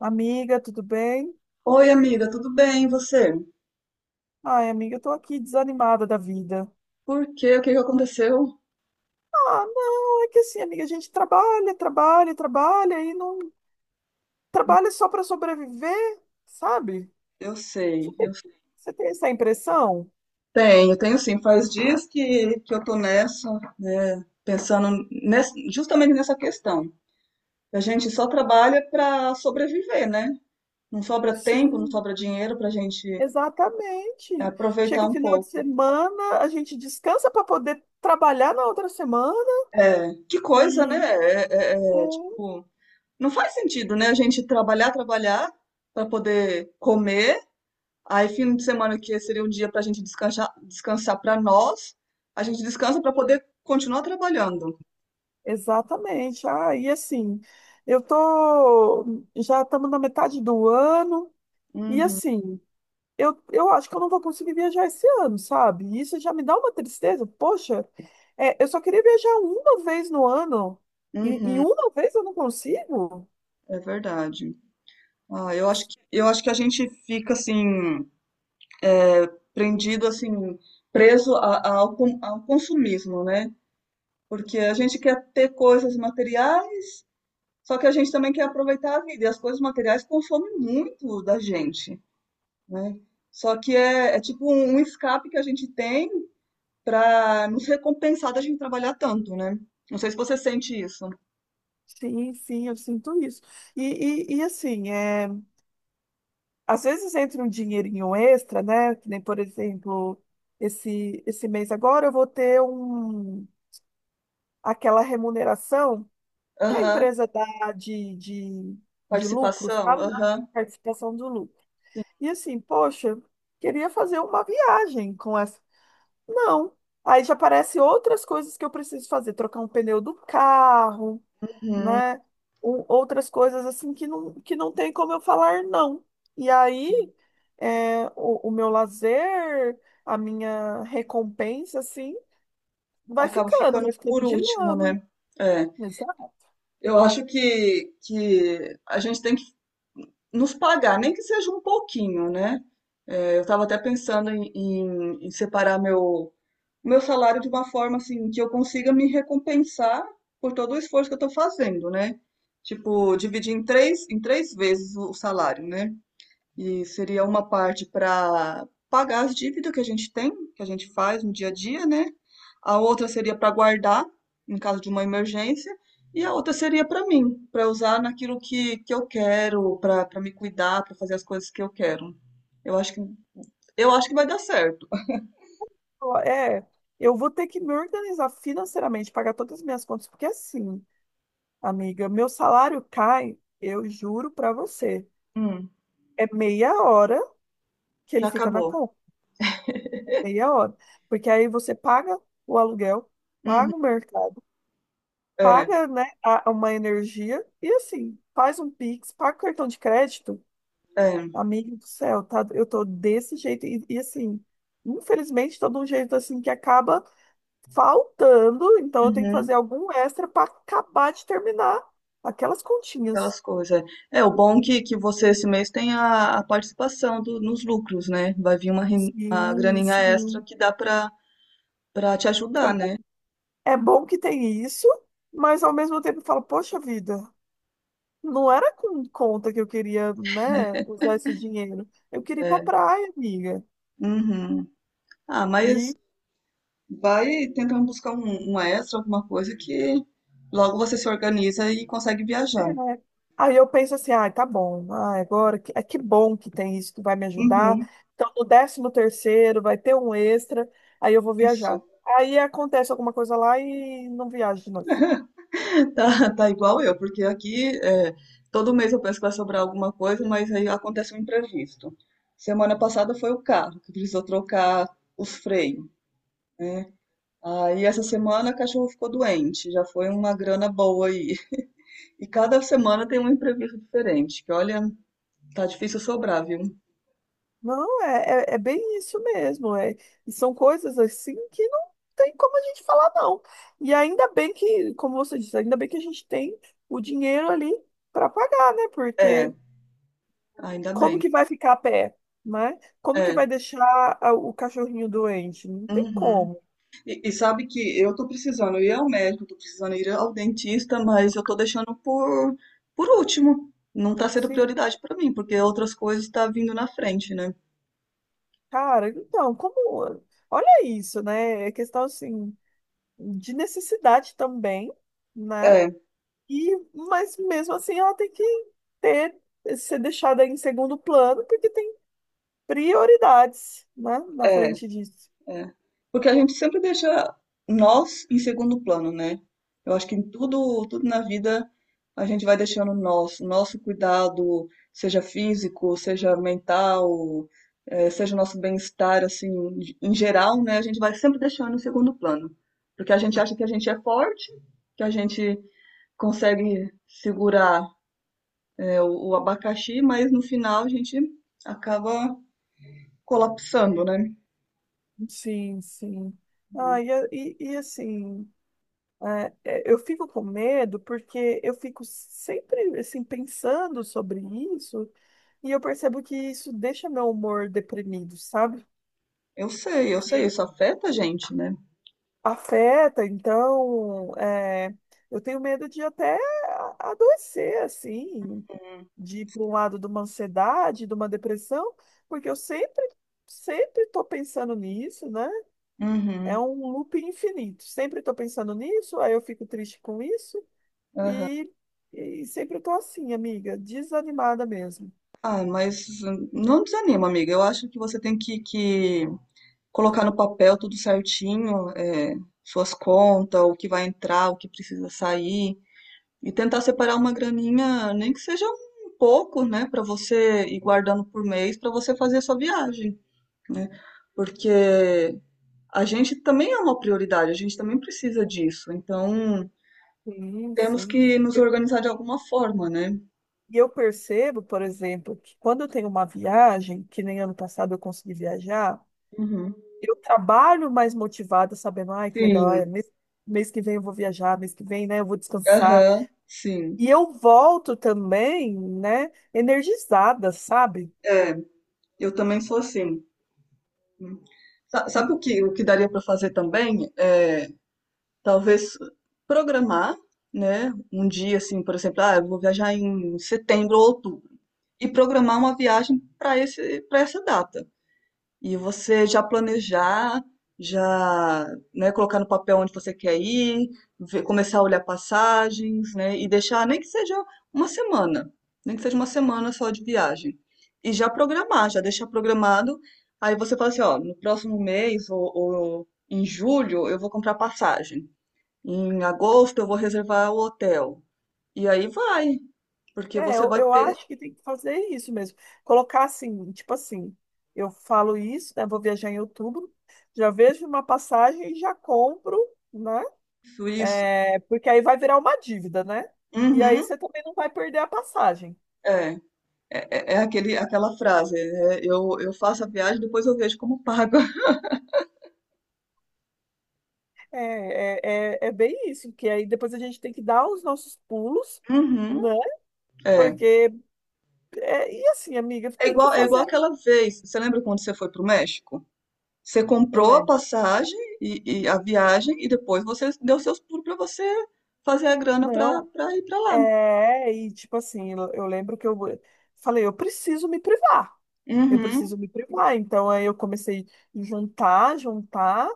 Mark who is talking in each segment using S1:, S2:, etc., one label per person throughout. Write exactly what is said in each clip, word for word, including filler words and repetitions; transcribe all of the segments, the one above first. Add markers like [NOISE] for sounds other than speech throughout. S1: Amiga, tudo bem?
S2: Oi, amiga, tudo bem? E você?
S1: Ai, amiga, eu tô aqui desanimada da vida.
S2: Por quê? O que que aconteceu?
S1: Ah, não, é que assim, amiga, a gente trabalha, trabalha, trabalha e não trabalha só para sobreviver, sabe?
S2: Eu
S1: Você
S2: sei, eu
S1: tem, você tem essa impressão?
S2: tenho, tenho sim. Faz dias que, que eu tô nessa, né? Pensando nessa, justamente nessa questão. A gente só trabalha para sobreviver, né? Não sobra tempo, não
S1: Sim,
S2: sobra dinheiro pra gente
S1: exatamente.
S2: aproveitar
S1: Chega
S2: um
S1: final de
S2: pouco.
S1: semana, a gente descansa para poder trabalhar na outra semana
S2: É, que coisa, né?
S1: e
S2: É, é,
S1: é,
S2: é, é, tipo, não faz sentido, né? A gente trabalhar, trabalhar para poder comer. Aí, fim de semana que seria um dia para a gente descansar, descansar para nós, a gente descansa para poder continuar trabalhando.
S1: exatamente. Ah, e assim, eu tô já estamos na metade do ano e
S2: Uhum,
S1: assim Eu, eu acho que eu não vou conseguir viajar esse ano, sabe? E isso já me dá uma tristeza. Poxa, é, eu só queria viajar uma vez no ano e, e
S2: uhum,
S1: uma vez eu não consigo?
S2: é verdade. Ah, eu acho que, eu acho que a gente fica assim, prendido, assim, preso a- a- ao, con- ao consumismo, né? Porque a gente quer ter coisas materiais, só que a gente também quer aproveitar a vida, e as coisas materiais consomem muito da gente, né? Só que é, é tipo um um escape que a gente tem para nos recompensar da gente trabalhar tanto, né? Não sei se você sente isso.
S1: Sim, sim, eu sinto isso. E, e, e assim, é, às vezes entra um dinheirinho extra, né? Que nem, por exemplo, esse, esse mês agora eu vou ter um, aquela remuneração que a
S2: Aham,
S1: empresa dá de, de, de lucro,
S2: participação,
S1: sabe?
S2: aham.
S1: Participação do lucro. E assim, poxa, queria fazer uma viagem com essa. Não. Aí já aparecem outras coisas que eu preciso fazer, trocar um pneu do carro,
S2: Uhum.
S1: né? O- outras coisas assim que não, que não tem como eu falar não. E aí, é, o, o meu lazer, a minha recompensa, assim, vai
S2: Acaba
S1: ficando,
S2: ficando
S1: vai ficando
S2: por
S1: de
S2: último,
S1: lado.
S2: né? É.
S1: Exato.
S2: Eu acho que, que a gente tem que nos pagar, nem que seja um pouquinho, né? É, eu estava até pensando em, em, em separar meu, meu salário de uma forma assim que eu consiga me recompensar por todo o esforço que eu estou fazendo, né? Tipo, dividir em três, em três vezes o salário, né? E seria uma parte para pagar as dívidas que a gente tem, que a gente faz no dia a dia, né? A outra seria para guardar em caso de uma emergência, e a outra seria para mim, para usar naquilo que, que eu quero, para para me cuidar, para fazer as coisas que eu quero. Eu acho que eu acho que vai dar certo.
S1: É, eu vou ter que me organizar financeiramente, pagar todas as minhas contas, porque assim. Amiga, meu salário cai, eu juro pra você.
S2: Hum,
S1: É meia hora que ele
S2: já
S1: fica na
S2: acabou.
S1: conta, meia hora. Porque aí você paga o aluguel,
S2: Uhum,
S1: paga o mercado,
S2: é,
S1: paga, né, a- uma energia e assim, faz um Pix, paga o cartão de crédito.
S2: é,
S1: Amigo do céu, tá? Eu tô desse jeito e, e assim, infelizmente, tô de um jeito assim que acaba faltando, então eu tenho que
S2: uhum,
S1: fazer algum extra pra acabar de terminar aquelas continhas.
S2: aquelas coisas. É, É, o bom é que, que você esse mês tem a, a participação do- nos lucros, né? Vai vir uma, ren- uma
S1: Sim,
S2: graninha extra
S1: sim.
S2: que dá para pra te ajudar, né?
S1: É bom que tem isso, mas ao mesmo tempo eu falo, poxa vida, não era com conta que eu queria, né, usar esse dinheiro. Eu queria ir pra
S2: É.
S1: praia, amiga.
S2: Uhum. Ah, mas
S1: E
S2: vai tentando buscar um, um extra, alguma coisa que logo você se organiza e consegue
S1: é,
S2: viajar.
S1: aí eu penso assim, ah, tá bom, ah, agora que, é que bom que tem isso que vai me ajudar.
S2: Uhum.
S1: Então, no décimo terceiro vai ter um extra, aí eu vou
S2: Isso.
S1: viajar. Aí acontece alguma coisa lá e não viajo de novo.
S2: [LAUGHS] Tá, tá igual eu, porque aqui é, todo mês eu penso que vai sobrar alguma coisa, mas aí acontece um imprevisto. Semana passada foi o carro que precisou trocar os freios. Aí essa semana a cachorro ficou doente, já foi uma grana boa aí. [LAUGHS] E cada semana tem um imprevisto diferente, que olha, tá difícil sobrar, viu?
S1: Não, é, é, é bem isso mesmo. É, e são coisas assim que não tem como a gente falar, não. E ainda bem que, como você disse, ainda bem que a gente tem o dinheiro ali para pagar, né?
S2: É,
S1: Porque
S2: ainda
S1: como
S2: bem.
S1: que vai ficar a pé, né? Como que
S2: É.
S1: vai deixar a- o cachorrinho doente? Não tem
S2: Uhum.
S1: como.
S2: E, e sabe que eu tô precisando ir ao médico, tô precisando ir ao dentista, mas eu tô deixando por, por último. Não tá sendo
S1: Sim,
S2: prioridade pra mim, porque outras coisas tá vindo na frente, né?
S1: cara, então, como. Olha isso, né? É questão assim de necessidade também, né?
S2: É,
S1: E, mas mesmo assim ela tem que ter, ser deixada em segundo plano, porque tem prioridades, né, na
S2: é.
S1: frente disso.
S2: É. Porque a gente sempre deixa nós em segundo plano, né? Eu acho que em tudo, tudo na vida a gente vai deixando nós, nosso cuidado, seja físico, seja mental, eh, seja o nosso bem-estar, assim, em geral, né? A gente vai sempre deixando em segundo plano. Porque a gente acha que a gente é forte, que a gente consegue segurar, eh, o, o abacaxi, mas no final a gente acaba colapsando, né?
S1: Sim, sim. Ah, e, a- e, e assim, é, é, eu fico com medo porque eu fico sempre assim pensando sobre isso e eu percebo que isso deixa meu humor deprimido, sabe?
S2: Eu sei, eu sei, isso afeta a gente, né?
S1: Afeta, então, é, eu tenho medo de até a- adoecer, assim, de ir para um lado de uma ansiedade, de uma depressão, porque eu sempre, sempre estou pensando nisso, né? É
S2: Uhum.
S1: um loop infinito. Sempre estou pensando nisso, aí eu fico triste com isso, e, e sempre estou assim, amiga, desanimada mesmo.
S2: Ah, mas hum, não desanima, amiga. Eu acho que você tem que, que colocar no papel tudo certinho, é, suas contas, o que vai entrar, o que precisa sair, e tentar separar uma graninha, nem que seja um pouco, né, para você ir guardando por mês para você fazer a sua viagem, né? Porque a gente também é uma prioridade, a gente também precisa disso. Então,
S1: Sim,
S2: temos
S1: sim.
S2: que nos
S1: E
S2: organizar de
S1: e-
S2: alguma forma, né?
S1: e eu percebo, por exemplo, que quando eu tenho uma viagem, que nem ano passado eu consegui viajar,
S2: Uhum.
S1: eu trabalho mais motivada, sabendo, ai, que legal, olha,
S2: Sim,
S1: mês, mês que vem eu vou viajar, mês que vem, né, eu vou descansar.
S2: aham, sim.
S1: E eu volto também, né, energizada, sabe?
S2: É, eu também sou assim. Sa- Sabe o que, o que daria para fazer também? É, talvez programar, né? Um dia assim, por exemplo, ah, eu vou viajar em setembro ou outubro e programar uma viagem para esse para essa data. E você já planejar, já, né, colocar no papel onde você quer ir, ver- começar a olhar passagens, né, e deixar nem que seja uma semana, nem que seja uma semana só de viagem. E já programar, já deixar programado. Aí você fala assim, ó, no próximo mês ou, ou em julho eu vou comprar passagem. Em agosto eu vou reservar o hotel. E aí vai, porque
S1: É,
S2: você
S1: eu,
S2: vai
S1: eu
S2: ter
S1: acho que tem que fazer isso mesmo. Colocar assim, tipo assim, eu falo isso, né, vou viajar em outubro, já vejo uma passagem e já compro, né?
S2: isso, isso.
S1: É, porque aí vai virar uma dívida, né? E aí
S2: Uhum,
S1: você também não vai perder a passagem.
S2: é. É, é é aquele, aquela frase, né? Eu, eu faço a viagem, depois eu vejo como pago. [LAUGHS]
S1: É, é, é, é bem isso, porque aí depois a gente tem que dar os nossos pulos,
S2: Uhum.
S1: né?
S2: É.
S1: Porque, é, e assim, amiga,
S2: É
S1: tem que
S2: igual, é igual
S1: fazer,
S2: aquela vez. Você lembra quando você foi para o México? Você
S1: eu
S2: comprou a
S1: lembro.
S2: passagem e, e a viagem e depois você deu seus pulos para você fazer a grana para
S1: Não,
S2: ir para lá.
S1: é, e tipo assim, eu, eu lembro que eu falei, eu preciso me privar, eu
S2: Uhum.
S1: preciso me privar. Então aí eu comecei a juntar, juntar.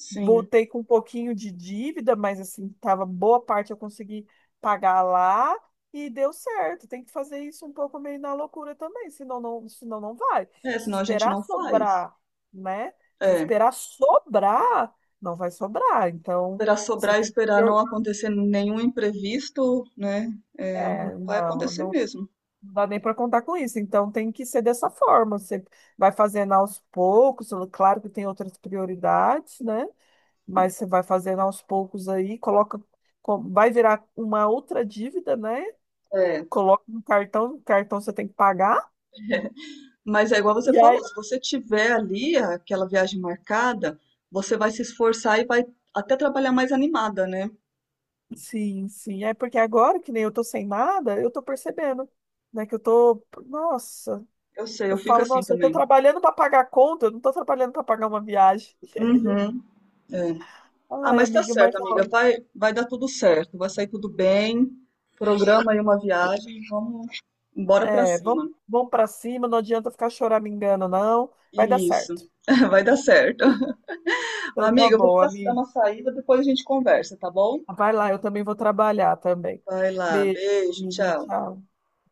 S2: Sim.
S1: Voltei com um pouquinho de dívida, mas assim, tava boa parte eu consegui pagar lá e deu certo. Tem que fazer isso um pouco meio na loucura também, senão não, senão não vai.
S2: É,
S1: Se
S2: senão a gente
S1: esperar
S2: não faz.
S1: sobrar, né? Se
S2: É.
S1: esperar sobrar, não vai sobrar. Então,
S2: Esperar
S1: você
S2: sobrar,
S1: tem que.
S2: esperar não acontecer nenhum imprevisto, né? É, não
S1: É,
S2: vai
S1: não,
S2: acontecer
S1: não
S2: mesmo.
S1: dá nem para contar com isso. Então, tem que ser dessa forma. Você vai fazendo aos poucos, claro que tem outras prioridades, né? Mas você vai fazendo aos poucos aí, coloca, co- vai virar uma outra dívida, né?
S2: É.
S1: Coloca no cartão, no cartão você tem que pagar.
S2: Mas é igual
S1: E
S2: você
S1: aí,
S2: falou, se você tiver ali aquela viagem marcada, você vai se esforçar e vai até trabalhar mais animada, né?
S1: sim, sim, é porque agora que nem eu tô sem nada, eu tô percebendo, né, que eu tô, nossa,
S2: Eu sei, eu
S1: eu
S2: fico
S1: falo,
S2: assim
S1: nossa, eu tô
S2: também.
S1: trabalhando para pagar a conta, eu não tô trabalhando para pagar uma viagem.
S2: Uhum, é. Ah,
S1: Ai,
S2: mas tá
S1: amiga, mas
S2: certo, amiga.
S1: ó,
S2: Vai, vai dar tudo certo, vai sair tudo bem. Programa aí uma viagem, vamos embora pra
S1: é, vamos,
S2: cima.
S1: vamos para cima, não adianta ficar choramingando, não, vai dar
S2: Isso,
S1: certo.
S2: [LAUGHS] vai dar certo.
S1: [LAUGHS]
S2: Mas,
S1: Então tá
S2: amiga, eu vou
S1: bom,
S2: precisar dar
S1: amiga.
S2: uma saída, depois a gente conversa, tá bom?
S1: Vai lá, eu também vou trabalhar também.
S2: Vai lá,
S1: Beijo,
S2: beijo,
S1: amiga.
S2: tchau.
S1: Tchau.